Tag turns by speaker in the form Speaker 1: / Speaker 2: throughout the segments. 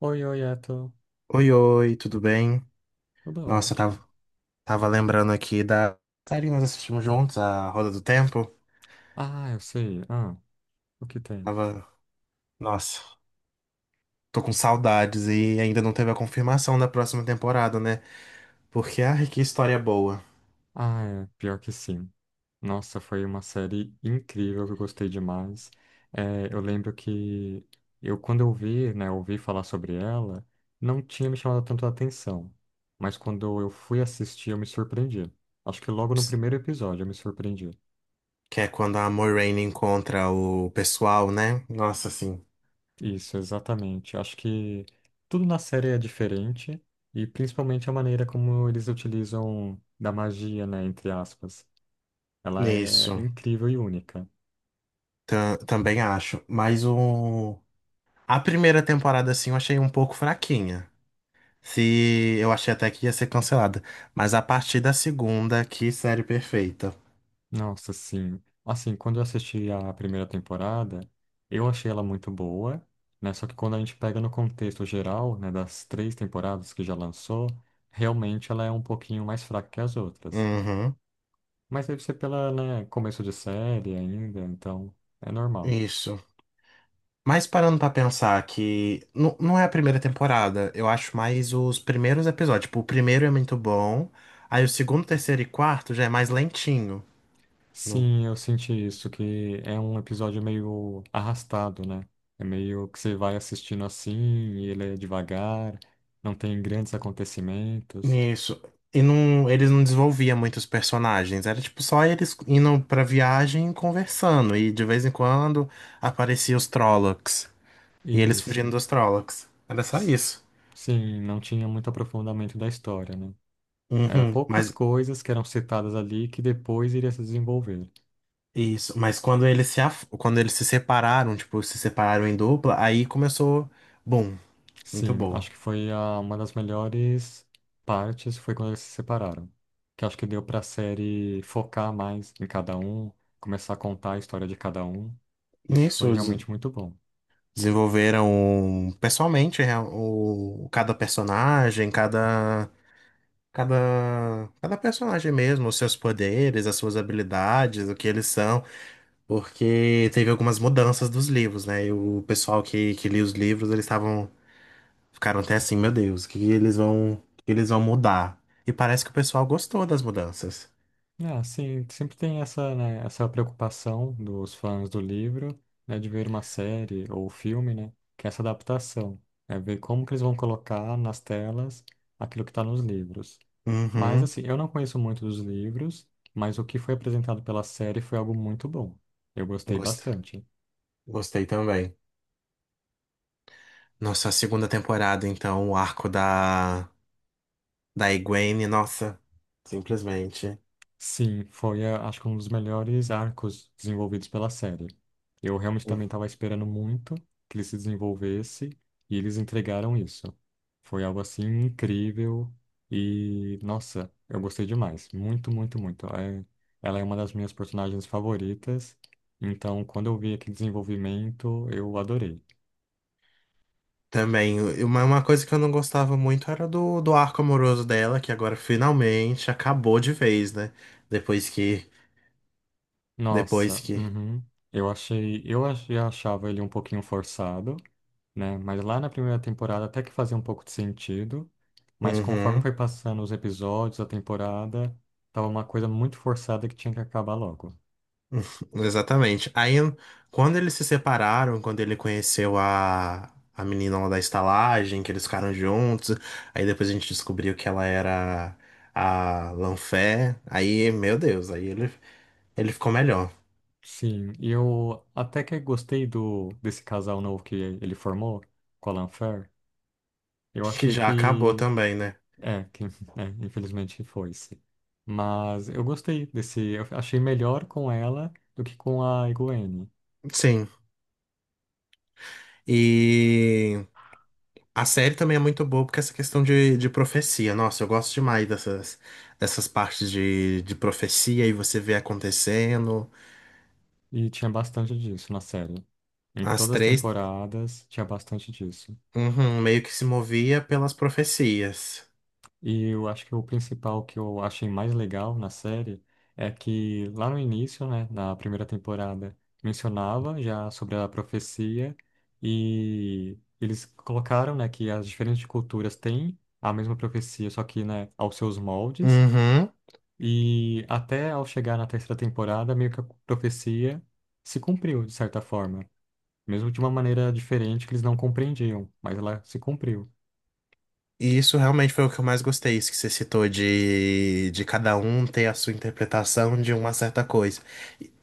Speaker 1: Oi, oi,
Speaker 2: Oi, oi, tudo bem?
Speaker 1: Tudo
Speaker 2: Nossa, eu
Speaker 1: ótimo.
Speaker 2: tava lembrando aqui da série que nós assistimos juntos, A Roda do Tempo.
Speaker 1: Ah, eu sei. Ah, o que tem?
Speaker 2: Tava, Nossa, tô com saudades e ainda não teve a confirmação da próxima temporada, né? Porque, ai, que história boa.
Speaker 1: Ah, é, pior que sim. Nossa, foi uma série incrível que eu gostei demais. É, eu lembro que quando eu vi, né, ouvi falar sobre ela, não tinha me chamado tanto a atenção. Mas quando eu fui assistir, eu me surpreendi. Acho que logo no
Speaker 2: Ps,
Speaker 1: primeiro episódio eu me surpreendi.
Speaker 2: Que é quando a Moiraine encontra o pessoal, né? Nossa, assim,
Speaker 1: Isso, exatamente. Acho que tudo na série é diferente e principalmente a maneira como eles utilizam da magia, né, entre aspas. Ela é
Speaker 2: nisso,
Speaker 1: incrível e única.
Speaker 2: também acho. Mas a primeira temporada, assim, eu achei um pouco fraquinha. Se eu achei até que ia ser cancelada. Mas a partir da segunda, que série perfeita.
Speaker 1: Nossa, sim. Assim, quando eu assisti a primeira temporada, eu achei ela muito boa, né? Só que quando a gente pega no contexto geral, né, das três temporadas que já lançou, realmente ela é um pouquinho mais fraca que as outras.
Speaker 2: Uhum,
Speaker 1: Mas deve ser pela, né, começo de série ainda, então é normal.
Speaker 2: isso. Mas parando pra pensar que não é a primeira temporada, eu acho mais os primeiros episódios. Tipo, o primeiro é muito bom, aí o segundo, terceiro e quarto já é mais lentinho.
Speaker 1: Sim, eu senti isso, que é um episódio meio arrastado, né? É meio que você vai assistindo assim, e ele é devagar, não tem grandes acontecimentos.
Speaker 2: Isso. E não, eles não desenvolviam muitos personagens. Era tipo só eles indo pra viagem e conversando. E de vez em quando apareciam os Trollocs. E eles fugindo
Speaker 1: Isso.
Speaker 2: dos Trollocs. Era só
Speaker 1: S-
Speaker 2: isso.
Speaker 1: Sim, não tinha muito aprofundamento da história, né? É,
Speaker 2: Uhum,
Speaker 1: poucas
Speaker 2: mas
Speaker 1: coisas que eram citadas ali que depois iria se desenvolver.
Speaker 2: isso, mas quando eles se separaram, tipo, se separaram em dupla, aí começou, bom, muito
Speaker 1: Sim,
Speaker 2: boa.
Speaker 1: acho que foi uma das melhores partes foi quando eles se separaram. Que acho que deu pra série focar mais em cada um, começar a contar a história de cada um. Isso foi
Speaker 2: Nisso des-
Speaker 1: realmente muito bom.
Speaker 2: desenvolveram um, pessoalmente o cada personagem, Cada, cada personagem mesmo, os seus poderes, as suas habilidades, o que eles são, porque teve algumas mudanças dos livros, né? E o pessoal que lia os livros, eles ficaram até assim, meu Deus, o que eles vão mudar? E parece que o pessoal gostou das mudanças.
Speaker 1: É, sim, sempre tem essa, né, essa preocupação dos fãs do livro, né, de ver uma série ou filme, né, que é essa adaptação. É ver como que eles vão colocar nas telas aquilo que está nos livros. Mas
Speaker 2: Uhum,
Speaker 1: assim, eu não conheço muito dos livros, mas o que foi apresentado pela série foi algo muito bom. Eu gostei
Speaker 2: gost-
Speaker 1: bastante.
Speaker 2: gostei também. Nossa, a segunda temporada, então, o arco da Egwene, nossa, simplesmente.
Speaker 1: Sim, acho que um dos melhores arcos desenvolvidos pela série. Eu realmente também estava esperando muito que ele se desenvolvesse e eles entregaram isso. Foi algo assim incrível e, nossa, eu gostei demais. Muito, muito, muito. Ela é uma das minhas personagens favoritas, então quando eu vi aquele desenvolvimento, eu adorei.
Speaker 2: Também, uma coisa que eu não gostava muito era do arco amoroso dela, que agora finalmente acabou de vez, né? Depois que.
Speaker 1: Nossa,
Speaker 2: Depois que.
Speaker 1: uhum. Achava ele um pouquinho forçado, né? Mas lá na primeira temporada até que fazia um pouco de sentido, mas conforme
Speaker 2: Uhum,
Speaker 1: foi passando os episódios, a temporada, tava uma coisa muito forçada que tinha que acabar logo.
Speaker 2: exatamente. Aí, quando eles se separaram, quando ele conheceu a menina lá da estalagem, que eles ficaram juntos, aí depois a gente descobriu que ela era a Lanfé. Aí, meu Deus, aí ele ficou melhor.
Speaker 1: Sim, e eu até que gostei do desse casal novo que ele formou, Colin Fair. Eu
Speaker 2: Que
Speaker 1: achei
Speaker 2: já acabou
Speaker 1: que,
Speaker 2: também, né?
Speaker 1: é, que, infelizmente foi-se. Mas eu gostei desse, eu achei melhor com ela do que com a Gwen.
Speaker 2: Sim. E. A série também é muito boa porque é essa questão de profecia. Nossa, eu gosto demais dessas partes de profecia e você vê acontecendo.
Speaker 1: E tinha bastante disso na série. Em
Speaker 2: As
Speaker 1: todas as
Speaker 2: três,
Speaker 1: temporadas tinha bastante disso.
Speaker 2: uhum, meio que se movia pelas profecias.
Speaker 1: E eu acho que o principal que eu achei mais legal na série é que lá no início, né, na primeira temporada, mencionava já sobre a profecia e eles colocaram, né, que as diferentes culturas têm a mesma profecia, só que, né, aos seus moldes.
Speaker 2: Uhum.
Speaker 1: E até ao chegar na terceira temporada, meio que a profecia se cumpriu de certa forma, mesmo de uma maneira diferente que eles não compreendiam, mas ela se cumpriu.
Speaker 2: E isso realmente foi o que eu mais gostei, isso que você citou de cada um ter a sua interpretação de uma certa coisa.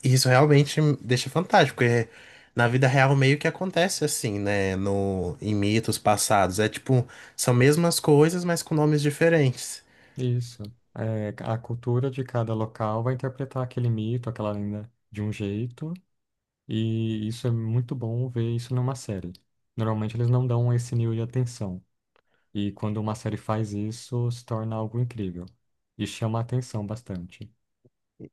Speaker 2: E isso realmente me deixa fantástico, porque na vida real meio que acontece assim, né? No, Em mitos passados. É tipo, são mesmas coisas, mas com nomes diferentes.
Speaker 1: Isso. É, a cultura de cada local vai interpretar aquele mito, aquela lenda de um jeito, e isso é muito bom ver isso numa série. Normalmente eles não dão esse nível de atenção, e quando uma série faz isso, se torna algo incrível e chama a atenção bastante.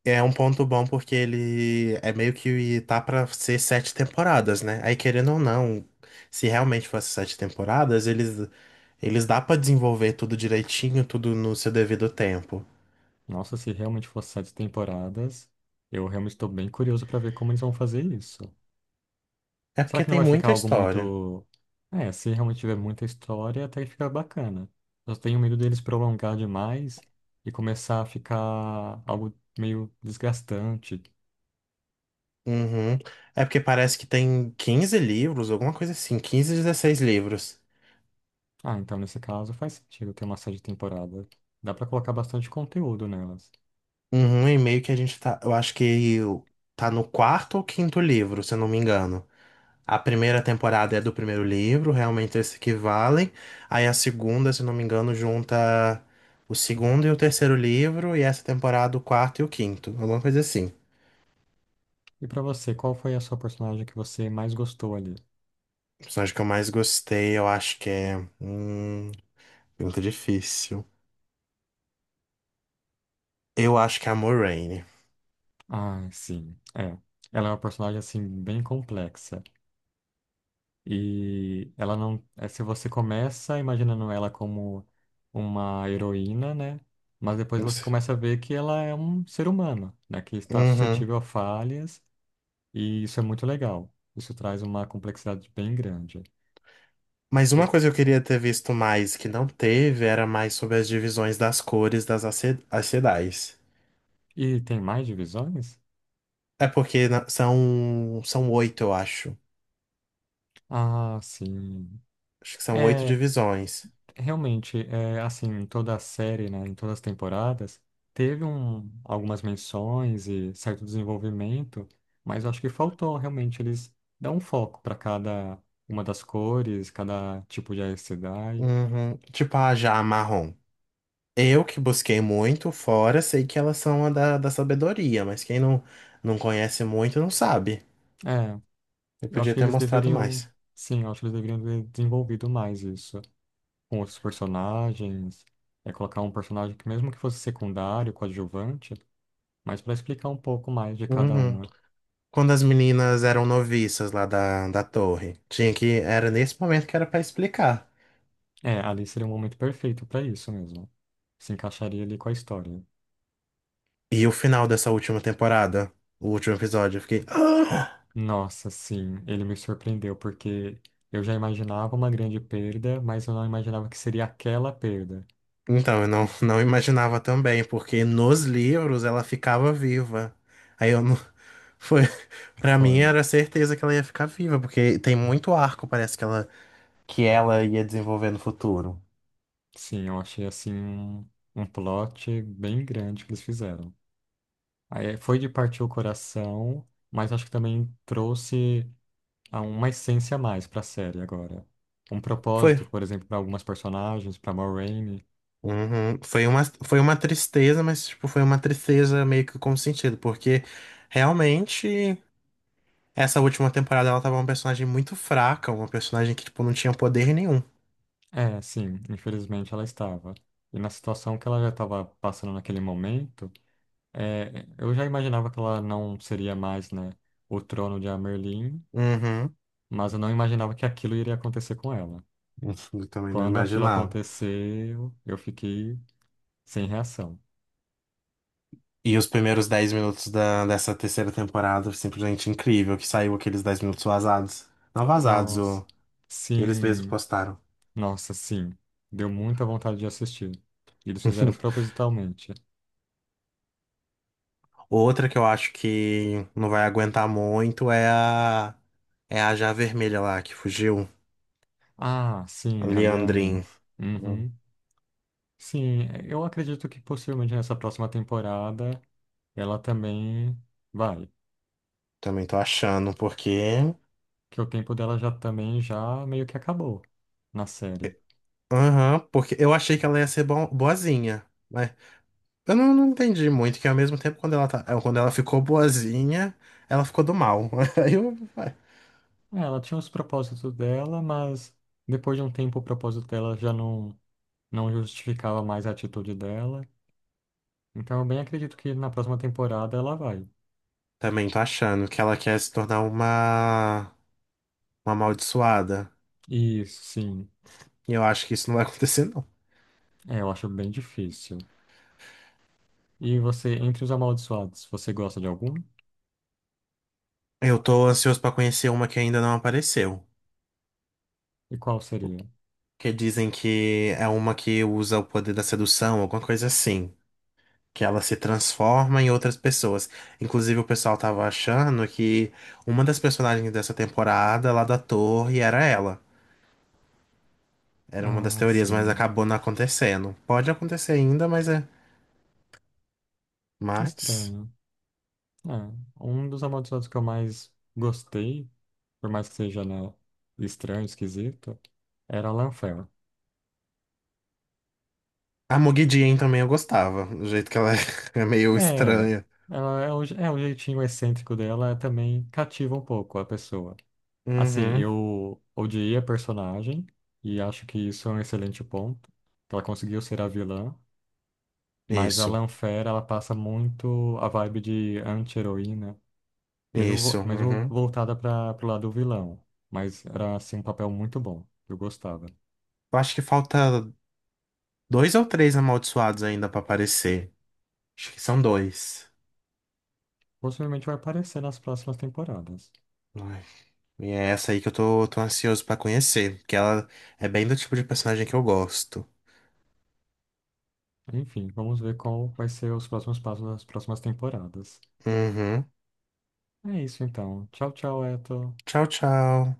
Speaker 2: É um ponto bom porque ele é meio que tá pra ser sete temporadas, né? Aí querendo ou não, se realmente fosse sete temporadas, eles dá pra desenvolver tudo direitinho, tudo no seu devido tempo.
Speaker 1: Nossa, se realmente fosse sete temporadas, eu realmente estou bem curioso para ver como eles vão fazer isso.
Speaker 2: É
Speaker 1: Será
Speaker 2: porque
Speaker 1: que não
Speaker 2: tem
Speaker 1: vai ficar
Speaker 2: muita
Speaker 1: algo
Speaker 2: história.
Speaker 1: muito. É, se realmente tiver muita história, até que fica bacana. Eu tenho medo deles prolongar demais e começar a ficar algo meio desgastante.
Speaker 2: Uhum. É porque parece que tem 15 livros, alguma coisa assim, 15, 16 livros.
Speaker 1: Ah, então nesse caso faz sentido ter uma série de temporada. Dá pra colocar bastante conteúdo nelas.
Speaker 2: Uhum, e meio que a gente tá. Eu acho que tá no quarto ou quinto livro, se eu não me engano. A primeira temporada é do primeiro livro, realmente eles que valem. Aí a segunda, se eu não me engano, junta o segundo e o terceiro livro, e essa temporada o quarto e o quinto, alguma coisa assim.
Speaker 1: E pra você, qual foi a sua personagem que você mais gostou ali?
Speaker 2: O personagem que eu mais gostei, eu acho que é. Hum, Pergunta difícil. Eu acho que é a Moraine.
Speaker 1: Ah, sim. É. Ela é uma personagem assim bem complexa. E ela não. Se você começa imaginando ela como uma heroína, né? Mas depois você começa a ver que ela é um ser humano, né? Que está
Speaker 2: Uhum.
Speaker 1: suscetível a falhas, e isso é muito legal. Isso traz uma complexidade bem grande.
Speaker 2: Mas uma
Speaker 1: E,
Speaker 2: coisa que eu queria ter visto mais que não teve era mais sobre as divisões das cores das as cidades.
Speaker 1: e tem mais divisões?
Speaker 2: É porque são oito, eu acho.
Speaker 1: Ah, sim.
Speaker 2: Acho que são oito
Speaker 1: É.
Speaker 2: divisões.
Speaker 1: Realmente, é, assim, em toda a série, né, em todas as temporadas, teve algumas menções e certo desenvolvimento, mas eu acho que faltou realmente eles dar um foco para cada uma das cores, cada tipo de Aes Sedai.
Speaker 2: Uhum. Tipo a já marrom. Eu que busquei muito fora, sei que elas são a da sabedoria, mas quem não conhece muito não sabe.
Speaker 1: É,
Speaker 2: Eu
Speaker 1: eu acho
Speaker 2: podia
Speaker 1: que
Speaker 2: ter
Speaker 1: eles
Speaker 2: mostrado
Speaker 1: deveriam,
Speaker 2: mais.
Speaker 1: sim, eu acho que eles deveriam ter desenvolvido mais isso, com outros personagens, colocar um personagem que mesmo que fosse secundário, coadjuvante, mas para explicar um pouco mais de cada
Speaker 2: Uhum.
Speaker 1: uma.
Speaker 2: Quando as meninas eram noviças lá da torre, tinha que. Era nesse momento que era pra explicar.
Speaker 1: É, ali seria um momento perfeito pra isso mesmo. Se encaixaria ali com a história.
Speaker 2: E o final dessa última temporada, o último episódio, eu fiquei. "Ah!"
Speaker 1: Nossa, sim, ele me surpreendeu, porque eu já imaginava uma grande perda, mas eu não imaginava que seria aquela perda.
Speaker 2: Então, eu não imaginava também, porque nos livros ela ficava viva. Aí eu não. Foi. Pra mim
Speaker 1: Foi.
Speaker 2: era certeza que ela ia ficar viva, porque tem muito arco, parece que ela ia desenvolver no futuro.
Speaker 1: Sim, eu achei assim um, plot bem grande que eles fizeram. Aí foi de partir o coração, mas acho que também trouxe uma essência a mais pra série agora. Um
Speaker 2: Foi.
Speaker 1: propósito, por exemplo, para algumas personagens, para Moraine.
Speaker 2: Uhum. Foi uma tristeza, mas tipo, foi uma tristeza meio que com sentido, porque realmente essa última temporada ela tava uma personagem muito fraca, uma personagem que tipo, não tinha poder nenhum.
Speaker 1: É, sim, infelizmente ela estava. E na situação que ela já estava passando naquele momento, eu já imaginava que ela não seria mais, né, o trono de Amerlin,
Speaker 2: Uhum.
Speaker 1: mas eu não imaginava que aquilo iria acontecer com ela.
Speaker 2: Eu também não
Speaker 1: Quando aquilo
Speaker 2: imaginava.
Speaker 1: aconteceu, eu fiquei sem reação.
Speaker 2: E os primeiros 10 minutos dessa terceira temporada, simplesmente incrível, que saiu aqueles 10 minutos vazados. Não vazados,
Speaker 1: Nossa,
Speaker 2: eles mesmos
Speaker 1: sim,
Speaker 2: postaram.
Speaker 1: nossa, sim. Deu muita vontade de assistir. Eles fizeram propositalmente.
Speaker 2: Outra que eu acho que não vai aguentar muito é a já vermelha lá que fugiu,
Speaker 1: Ah,
Speaker 2: a
Speaker 1: sim, a
Speaker 2: Leandrin.
Speaker 1: Liandrin.
Speaker 2: Hum,
Speaker 1: Uhum. Sim, eu acredito que possivelmente nessa próxima temporada ela também vai,
Speaker 2: Também tô achando, porque
Speaker 1: que o tempo dela já também já meio que acabou na série.
Speaker 2: aham, porque eu achei que ela ia ser boazinha. Eu não entendi muito, que ao mesmo tempo quando ela, tá, quando ela ficou boazinha, ela ficou do mal. Aí eu ué,
Speaker 1: É, ela tinha os propósitos dela, mas depois de um tempo o propósito dela já não não justificava mais a atitude dela. Então eu bem acredito que na próxima temporada ela vai.
Speaker 2: também tô achando que ela quer se tornar uma amaldiçoada.
Speaker 1: E sim,
Speaker 2: E eu acho que isso não vai acontecer, não.
Speaker 1: eu acho bem difícil. E você, entre os amaldiçoados, você gosta de algum?
Speaker 2: Eu tô ansioso pra conhecer uma que ainda não apareceu.
Speaker 1: E qual seria?
Speaker 2: Que dizem que é uma que usa o poder da sedução, alguma coisa assim. Que ela se transforma em outras pessoas. Inclusive, o pessoal tava achando que uma das personagens dessa temporada lá da torre era ela. Era uma das
Speaker 1: Ah,
Speaker 2: teorias, mas
Speaker 1: sim.
Speaker 2: acabou não acontecendo. Pode acontecer ainda, mas é. Mas.
Speaker 1: Estranho. É, um dos amaldiçoados que eu mais gostei, por mais que seja, né, estranho, esquisito, era a Lanfear.
Speaker 2: A Mogi Dian também eu gostava. Do jeito que ela é meio
Speaker 1: É,
Speaker 2: estranha.
Speaker 1: ela é o jeitinho excêntrico dela é também cativa um pouco a pessoa. Assim,
Speaker 2: Uhum.
Speaker 1: eu odiei a personagem e acho que isso é um excelente ponto, que ela conseguiu ser a vilã, mas a
Speaker 2: Isso.
Speaker 1: Lanfear, ela passa muito a vibe de anti-heroína, mesmo,
Speaker 2: Isso.
Speaker 1: mesmo
Speaker 2: Uhum.
Speaker 1: voltada para pro lado do vilão. Mas era, assim, um papel muito bom. Eu gostava.
Speaker 2: Eu acho que falta dois ou três amaldiçoados ainda pra aparecer. Acho que são dois.
Speaker 1: Possivelmente vai aparecer nas próximas temporadas.
Speaker 2: Ai, e é essa aí que eu tô ansioso pra conhecer. Porque ela é bem do tipo de personagem que eu gosto.
Speaker 1: Enfim, vamos ver qual vai ser os próximos passos das próximas temporadas.
Speaker 2: Uhum.
Speaker 1: É isso, então. Tchau, tchau, Eto.
Speaker 2: Tchau, tchau.